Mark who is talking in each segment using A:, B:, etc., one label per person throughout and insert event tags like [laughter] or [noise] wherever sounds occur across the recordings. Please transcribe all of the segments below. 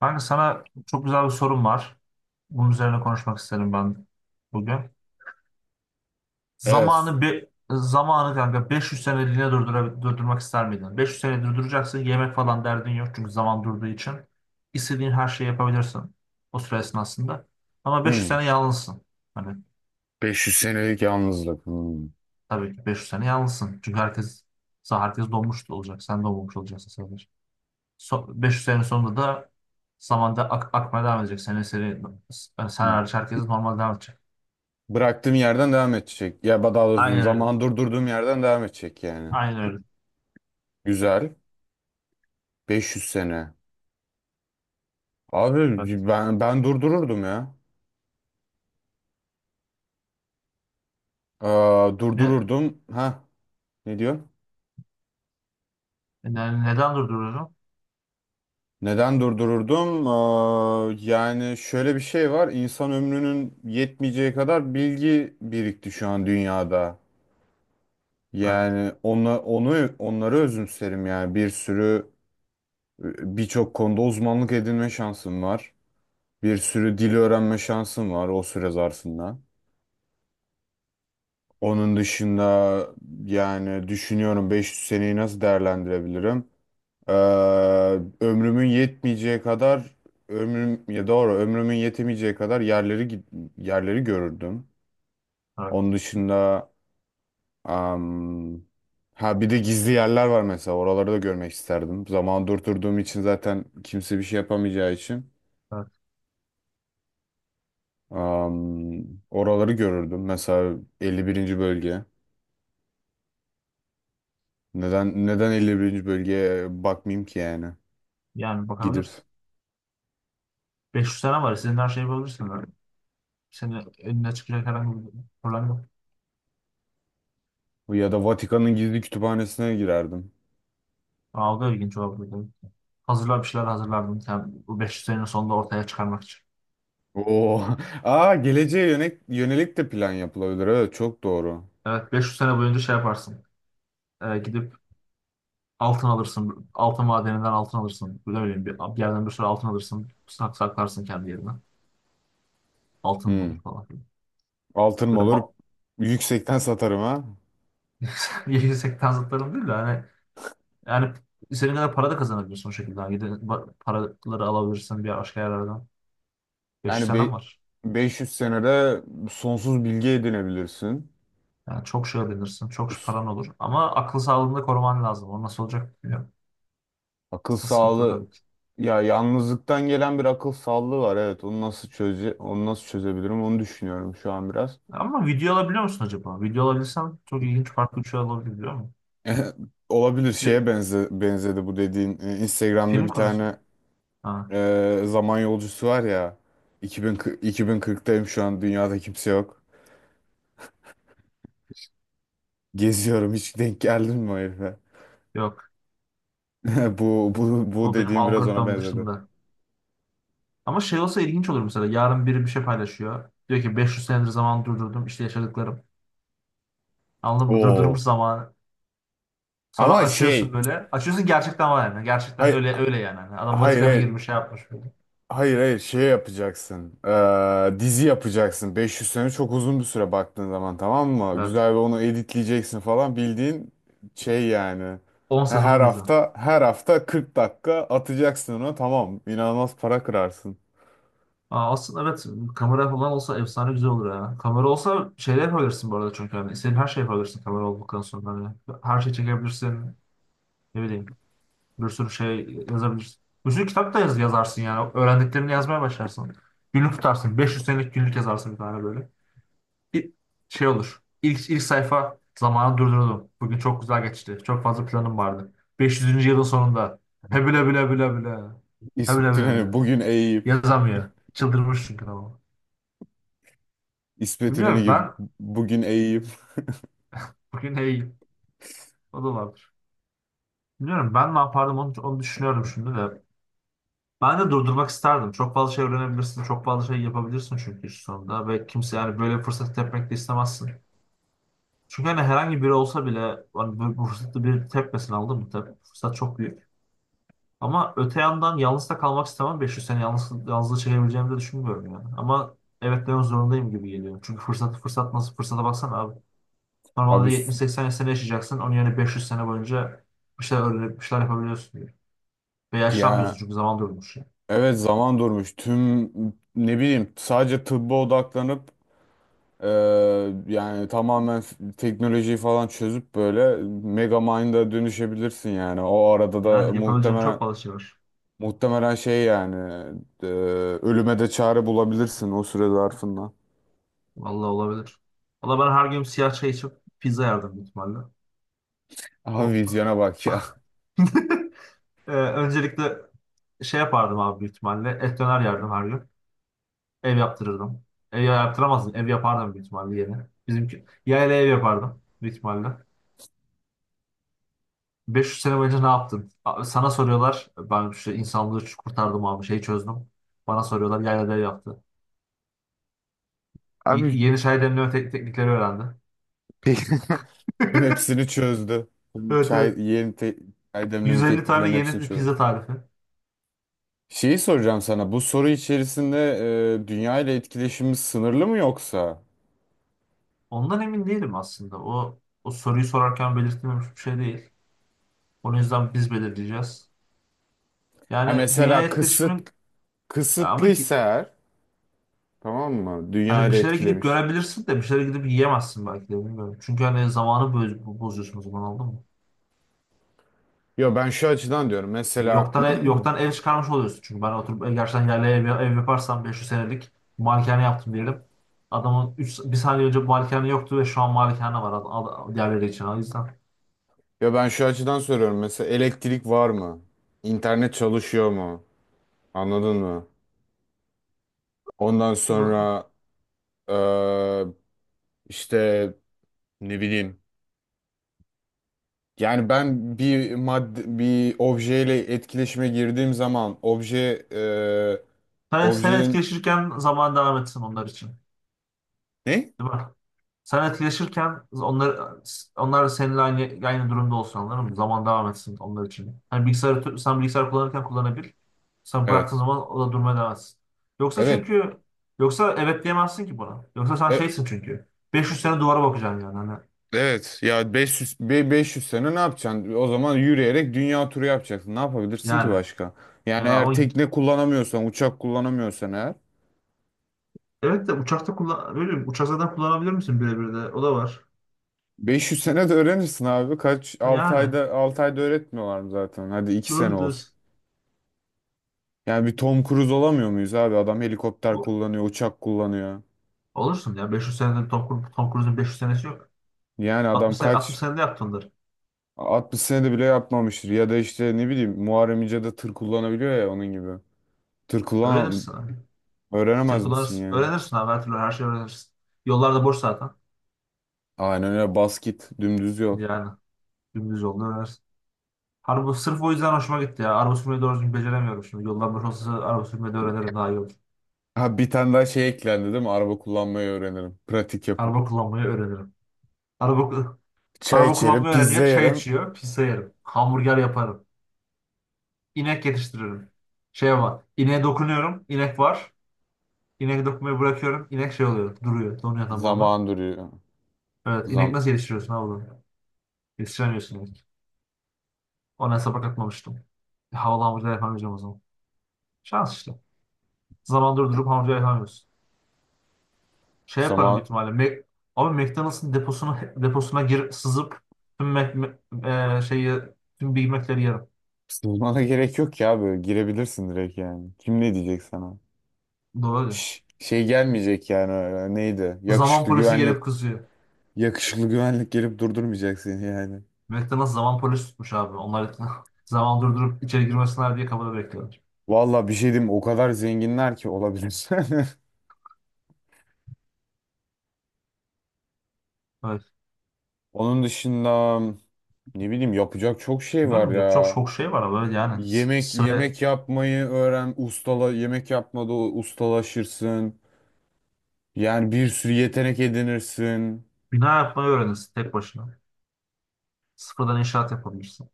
A: Kanka sana çok güzel bir sorum var. Bunun üzerine konuşmak isterim ben bugün.
B: Evet.
A: Zamanı kanka 500 seneliğine durdurmak ister miydin? 500 sene durduracaksın. Yemek falan derdin yok çünkü zaman durduğu için. İstediğin her şeyi yapabilirsin o süre esnasında. Ama 500
B: Hmm.
A: sene yalnızsın. Hani
B: 500 senelik yalnızlık. Hmm.
A: tabii ki 500 sene yalnızsın. Çünkü herkes donmuş olacak. Sen donmamış olacaksın sadece. So, 500 sene sonunda da zamanda akmaya devam edecek. Sen hariç herkes normal devam edecek.
B: Bıraktığım yerden devam edecek. Ya daha doğrusu
A: Aynen öyle.
B: zaman durdurduğum yerden devam edecek yani.
A: Aynen öyle.
B: Güzel. 500 sene.
A: Evet.
B: Abi ben durdururdum ya.
A: Ne,
B: Durdururdum. Ha ne diyor?
A: neden durduruyorum?
B: Neden durdururdum? Yani şöyle bir şey var. İnsan ömrünün yetmeyeceği kadar bilgi birikti şu an dünyada.
A: Evet,
B: Yani onu onları özümserim yani birçok konuda uzmanlık edinme şansım var. Bir sürü dil öğrenme şansım var o süre zarfında. Onun dışında yani düşünüyorum, 500 seneyi nasıl değerlendirebilirim? Ee, Ömrümün yetmeyeceği kadar ömrümün yetemeyeceği kadar yerleri görürdüm.
A: evet,
B: Onun dışında am, ha bir de gizli yerler var mesela, oraları da görmek isterdim. Zaman durdurduğum için zaten kimse bir şey yapamayacağı için.
A: evet.
B: Am, Oraları görürdüm. Mesela 51. bölge. Neden 51. bölgeye bakmayayım ki yani?
A: Yani
B: Gidip
A: bakabilirsin. 500 tane var. Senin her şeyi bulabilirsin, böyle. Senin önüne çıkacak herhangi bir problem yok.
B: ya da Vatikan'ın gizli kütüphanesine girerdim.
A: Algı ilginç olabilir. Bir şeyler hazırlardım. Sen bu 500 senenin sonunda ortaya çıkarmak için.
B: Oo. [laughs] Aa, geleceğe yönelik, de plan yapılabilir. Evet, çok doğru.
A: Evet, 500 sene boyunca şey yaparsın. Gidip altın alırsın. Altın madeninden altın alırsın. Ne bileyim bir yerden bir sürü altın alırsın. Saklarsın kendi yerine. Altın mı
B: Hmm.
A: olur falan filan.
B: Altınım
A: Böyle
B: olur.
A: ba-
B: Yüksekten satarım ha.
A: [laughs] yüksek tanzıtlarım değil de hani yani senin kadar para da kazanabilirsin o şekilde. Yani gidip paraları alabilirsin bir başka yerlerden. 500
B: Yani
A: senem
B: be-
A: var.
B: 500 senede sonsuz bilgi edinebilirsin.
A: Yani çok şey öğrenirsin. Çok şey paran olur. Ama akıl sağlığını da koruman lazım. O nasıl olacak bilmiyorum.
B: Akıl
A: Asıl sıkıntı o
B: sağlığı,
A: tabii ki.
B: ya yalnızlıktan gelen bir akıl sağlığı var, evet, onu nasıl çözebilirim onu düşünüyorum şu an biraz.
A: Ama video alabiliyor musun acaba? Video alabilirsen çok ilginç farklı bir şey olabilir biliyor musun?
B: [laughs] Olabilir,
A: Di-
B: şeye benzedi bu dediğin. Instagram'da
A: Film
B: bir
A: konusu mu?
B: tane
A: Ha,
B: zaman yolcusu var ya, 2040'tayım, şu an dünyada kimse yok. Geziyorum. Hiç denk geldin mi o herife?
A: yok.
B: [laughs] Bu
A: O benim
B: dediğim biraz ona
A: algoritmam
B: benzedi.
A: dışında. Ama şey olsa ilginç olur mesela. Yarın biri bir şey paylaşıyor. Diyor ki 500 senedir zaman durdurdum. İşte yaşadıklarım. Anladın mı? Durdurmuş
B: Oo.
A: zamanı. Sonra
B: Ama
A: açıyorsun
B: şey
A: böyle. Açıyorsun, gerçekten var yani. Gerçekten
B: Hayır,
A: öyle öyle yani. Hani adam
B: hayır
A: Vatikan'a
B: hayır.
A: girmiş, şey yapmış böyle.
B: Hayır, şey yapacaksın. Dizi yapacaksın. 500 sene çok uzun bir süre baktığın zaman, tamam mı?
A: Evet.
B: Güzel bir onu editleyeceksin falan. Bildiğin şey yani.
A: On
B: He, Her
A: sezon dizi.
B: hafta her hafta 40 dakika atacaksın ona, tamam. İnanılmaz para kırarsın.
A: Aslında evet kamera falan olsa efsane güzel olur ya. Kamera olsa şeyler yapabilirsin bu arada çünkü hani senin her şey yapabilirsin kamera olduktan sonra. Hani her şey çekebilirsin. Ne bileyim bir sürü şey yazabilirsin. Bir sürü kitap da yazarsın yani. Öğrendiklerini yazmaya başlarsın. Günlük tutarsın. 500 senelik günlük yazarsın bir tane böyle. İ- şey olur. İlk sayfa zamanı durdurdum. Bugün çok güzel geçti. Çok fazla planım vardı. 500. yılın sonunda. Hebile bile bile bile. Hebüle
B: İsmet
A: bile
B: İnönü
A: bile.
B: bugün eğip
A: Yazamıyor. Çıldırmış çünkü, tamam.
B: İsmet İnönü
A: Bilmiyorum
B: gibi
A: ben
B: bugün eğip,
A: bugün hey o da vardır. Bilmiyorum ben ne yapardım onu düşünüyorum şimdi de. Ben de durdurmak isterdim. Çok fazla şey öğrenebilirsin. Çok fazla şey yapabilirsin çünkü şu sonunda. Ve kimse yani böyle bir fırsat tepmek de istemezsin. Çünkü hani herhangi biri olsa bile hani bu fırsatı bir tepmesin aldın mı? Fırsat çok büyük. Ama öte yandan yalnız da kalmak istemem. 500 sene yalnızlığı çekebileceğimi de düşünmüyorum yani. Ama evet demek zorundayım gibi geliyor. Çünkü fırsat nasıl fırsata baksana abi.
B: abi
A: Normalde
B: s-
A: 70-80 sene yaşayacaksın. Onun yerine 500 sene boyunca bir şeyler öğrenip bir şeyler yapabiliyorsun diyor. Ve yaşlanmıyorsun
B: ya
A: çünkü zaman durmuş yani.
B: evet, zaman durmuş. Tüm, ne bileyim, sadece tıbba odaklanıp, Ee, yani tamamen teknolojiyi falan çözüp böyle Megamind dönüşebilirsin yani. O arada da
A: Yani yapabileceğin çok
B: muhtemelen
A: fazla şey var.
B: muhtemelen şey yani e, ölüme de çare bulabilirsin o süre zarfında.
A: Vallahi olabilir. Valla ben her gün siyah çay içip pizza yerdim büyük ihtimalle.
B: Abi
A: O...
B: vizyona bak ya.
A: [laughs] Öncelikle şey yapardım abi büyük ihtimalle. Et döner yerdim her gün. Ev yaptırırdım. Ev yaptıramazdım. Ev yapardım büyük ihtimalle yine. Bizimki yayla ev yapardım büyük ihtimalle. 500 sene boyunca ne yaptın? Sana soruyorlar. Ben işte insanlığı kurtardım abi. Şeyi çözdüm. Bana soruyorlar. Yaylada ev yaptı.
B: [laughs]
A: Y-
B: Abi
A: yeni çay demleme teknikleri öğrendi.
B: peki. [laughs] Hepsini
A: [laughs]
B: çözdü. Tüm
A: Evet
B: çay,
A: evet.
B: yeni te çay demleme
A: 150 tane
B: tekniklerinin hepsini
A: yeni
B: çözdü.
A: pizza tarifi.
B: Şeyi soracağım sana. Bu soru içerisinde, dünya ile etkileşimimiz sınırlı mı yoksa?
A: Ondan emin değilim aslında. O soruyu sorarken belirtilmemiş bir şey değil. Onun yüzden biz belirleyeceğiz.
B: Ya
A: Yani dünya
B: mesela
A: etkileşimin ya abi,
B: kısıtlıysa eğer, tamam mı? Dünya
A: hani bir
B: ile
A: şeylere gidip
B: etkilemiş.
A: görebilirsin de bir şeylere gidip yiyemezsin belki de bilmiyorum. Çünkü hani zamanı bozuyorsun o zaman oldu mu?
B: Ya ben şu açıdan diyorum. Mesela
A: Yoktan ev çıkarmış oluyorsun. Çünkü ben oturup gerçekten yerli ev yaparsam 500 senelik malikane yaptım diyelim. Adamın bir saniye önce malikane yoktu ve şu an malikane var diğerleri için. O yüzden
B: [clears throat] ya ben şu açıdan soruyorum. Mesela elektrik var mı? İnternet çalışıyor mu? Anladın mı? Ondan
A: bu-
B: sonra eee, işte ne bileyim. Yani ben bir madde, bir objeyle etkileşime girdiğim zaman
A: sen
B: objenin
A: etkileşirken zaman devam etsin onlar için.
B: ne?
A: Değil mi? Sen etkileşirken onlar da seninle aynı durumda olsun anladın mı? Zaman devam etsin onlar için. Hani bilgisayarı sen bilgisayar kullanırken kullanabil. Sen bıraktığın
B: Evet.
A: zaman o da durmaya devam etsin. Yoksa
B: Evet.
A: çünkü Yoksa evet diyemezsin ki buna. Yoksa sen
B: E,
A: şeysin çünkü. 500 sene duvara bakacaksın yani. Hani,
B: Evet ya, 500 sene ne yapacaksın? O zaman yürüyerek dünya turu yapacaksın. Ne yapabilirsin ki
A: yani.
B: başka? Yani
A: Yani ama
B: eğer tekne kullanamıyorsan, uçak kullanamıyorsan eğer,
A: evet de uçakta kullan öyle mi? Uçak zaten kullanabilir misin birebir de? O da var.
B: 500 sene de öğrenirsin abi. Kaç?
A: Ha,
B: 6
A: yani.
B: ayda 6 ayda öğretmiyorlar mı zaten? Hadi 2 sene
A: Doğru
B: olsun.
A: diyorsun.
B: Yani bir Tom Cruise olamıyor muyuz abi? Adam helikopter
A: O-
B: kullanıyor, uçak kullanıyor.
A: Olursun ya. 500 senede Tom Cruise'un 500 senesi yok.
B: Yani adam
A: 60
B: kaç,
A: senede yaptındır
B: 60 senede bile yapmamıştır. Ya da işte ne bileyim, Muharrem İnce de tır kullanabiliyor ya, onun gibi. Tır
A: onları.
B: kullan
A: Öğrenirsin.
B: Öğrenemez misin
A: Tırkularsın.
B: yani?
A: Öğrenirsin abi her türlü her şeyi öğrenirsin. Yollarda boş zaten.
B: Aynen öyle, basket dümdüz yol.
A: Yani dümdüz yolda öğrenirsin. Araba sırf o yüzden hoşuma gitti ya. Araba sürmeyi doğru düzgün beceremiyorum şimdi. Yollar boş olsa araba sürmeyi de öğrenirim daha iyi olur.
B: Ha, bir tane daha şey eklendi değil mi? Araba kullanmayı öğrenirim. Pratik yapıp.
A: Araba kullanmayı öğrenirim. Araba,
B: Çay
A: araba
B: içerim,
A: kullanmayı
B: pizza
A: öğreniyor. Çay
B: yerim.
A: içiyor. Pizza yerim. Hamburger yaparım. İnek yetiştiririm. Şey var. İneğe dokunuyorum. İnek var. İnek dokunmayı bırakıyorum. İnek şey oluyor. Duruyor. Donuyor tamamı.
B: Zaman duruyor.
A: Evet. inek
B: Zam
A: nasıl yetiştiriyorsun abi, bunu? Yetiştiremiyorsun inek. Ona hesaba katmamıştım. Havalı hamburger yapamayacağım o zaman. Şans işte. Zaman durdurup hamca yapamıyorsun. Şey yaparım büyük
B: zaman
A: ihtimalle. Abi McDonald's'ın deposuna gir, sızıp tüm Mac, Mac- e, şeyi tüm Big Mac'leri yerim.
B: Zamana gerek yok ya, böyle girebilirsin direkt yani. Kim ne diyecek sana?
A: Doğru.
B: Şş, şey gelmeyecek yani öyle. Neydi?
A: Zaman
B: Yakışıklı
A: polisi
B: güvenlik.
A: gelip kızıyor.
B: Yakışıklı güvenlik gelip durdurmayacak seni yani.
A: McDonald's zaman polisi tutmuş abi. Onlar [laughs] zaman durdurup içeri girmesinler diye kapıda bekliyorlar.
B: Valla bir şey diyeyim, o kadar zenginler ki olabilir.
A: Evet.
B: [laughs] Onun dışında ne bileyim, yapacak çok şey var
A: Bilmiyorum, yok çok
B: ya.
A: çok şey var abi. Evet, yani sıra
B: Yemek yapmayı öğren, yemek yapmada ustalaşırsın. Yani bir sürü yetenek edinirsin.
A: bina yapmayı öğrenirsin tek başına. Sıfırdan inşaat yapabilirsin.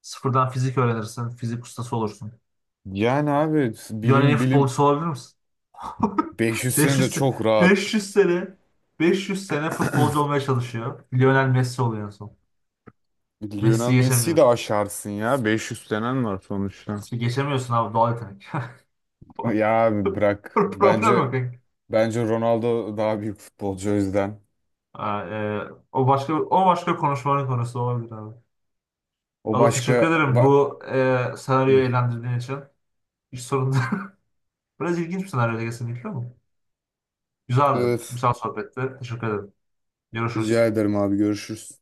A: Sıfırdan fizik öğrenirsin. Fizik ustası olursun.
B: Yani abi
A: Dünyanın en iyi
B: bilim,
A: futbolcusu olabilir misin? [laughs]
B: 500 sene de
A: 500 se-
B: çok rahat.
A: 500 sene 500 sene futbolcu olmaya çalışıyor. Lionel Messi oluyor en son.
B: Lionel
A: Messi'yi
B: Messi'yi de
A: geçemiyor.
B: aşarsın ya. 500 senen var sonuçta.
A: İşte geçemiyorsun abi, doğal yetenek.
B: Ya abi
A: [laughs]
B: bırak.
A: Problem
B: Bence
A: yok, kanka.
B: bence Ronaldo daha büyük futbolcu, o yüzden.
A: O başka konuşmanın konusu olabilir abi.
B: O
A: Allah
B: başka
A: teşekkür ederim
B: ba-
A: bu
B: Hı.
A: senaryoyu eğlendirdiğin için. Hiç sorun değil. [laughs] Biraz ilginç bir senaryoydu kesinlikle ama. Güzeldi.
B: Evet.
A: Güzel sohbetti. Teşekkür ederim. Görüşürüz.
B: Rica ederim abi, görüşürüz.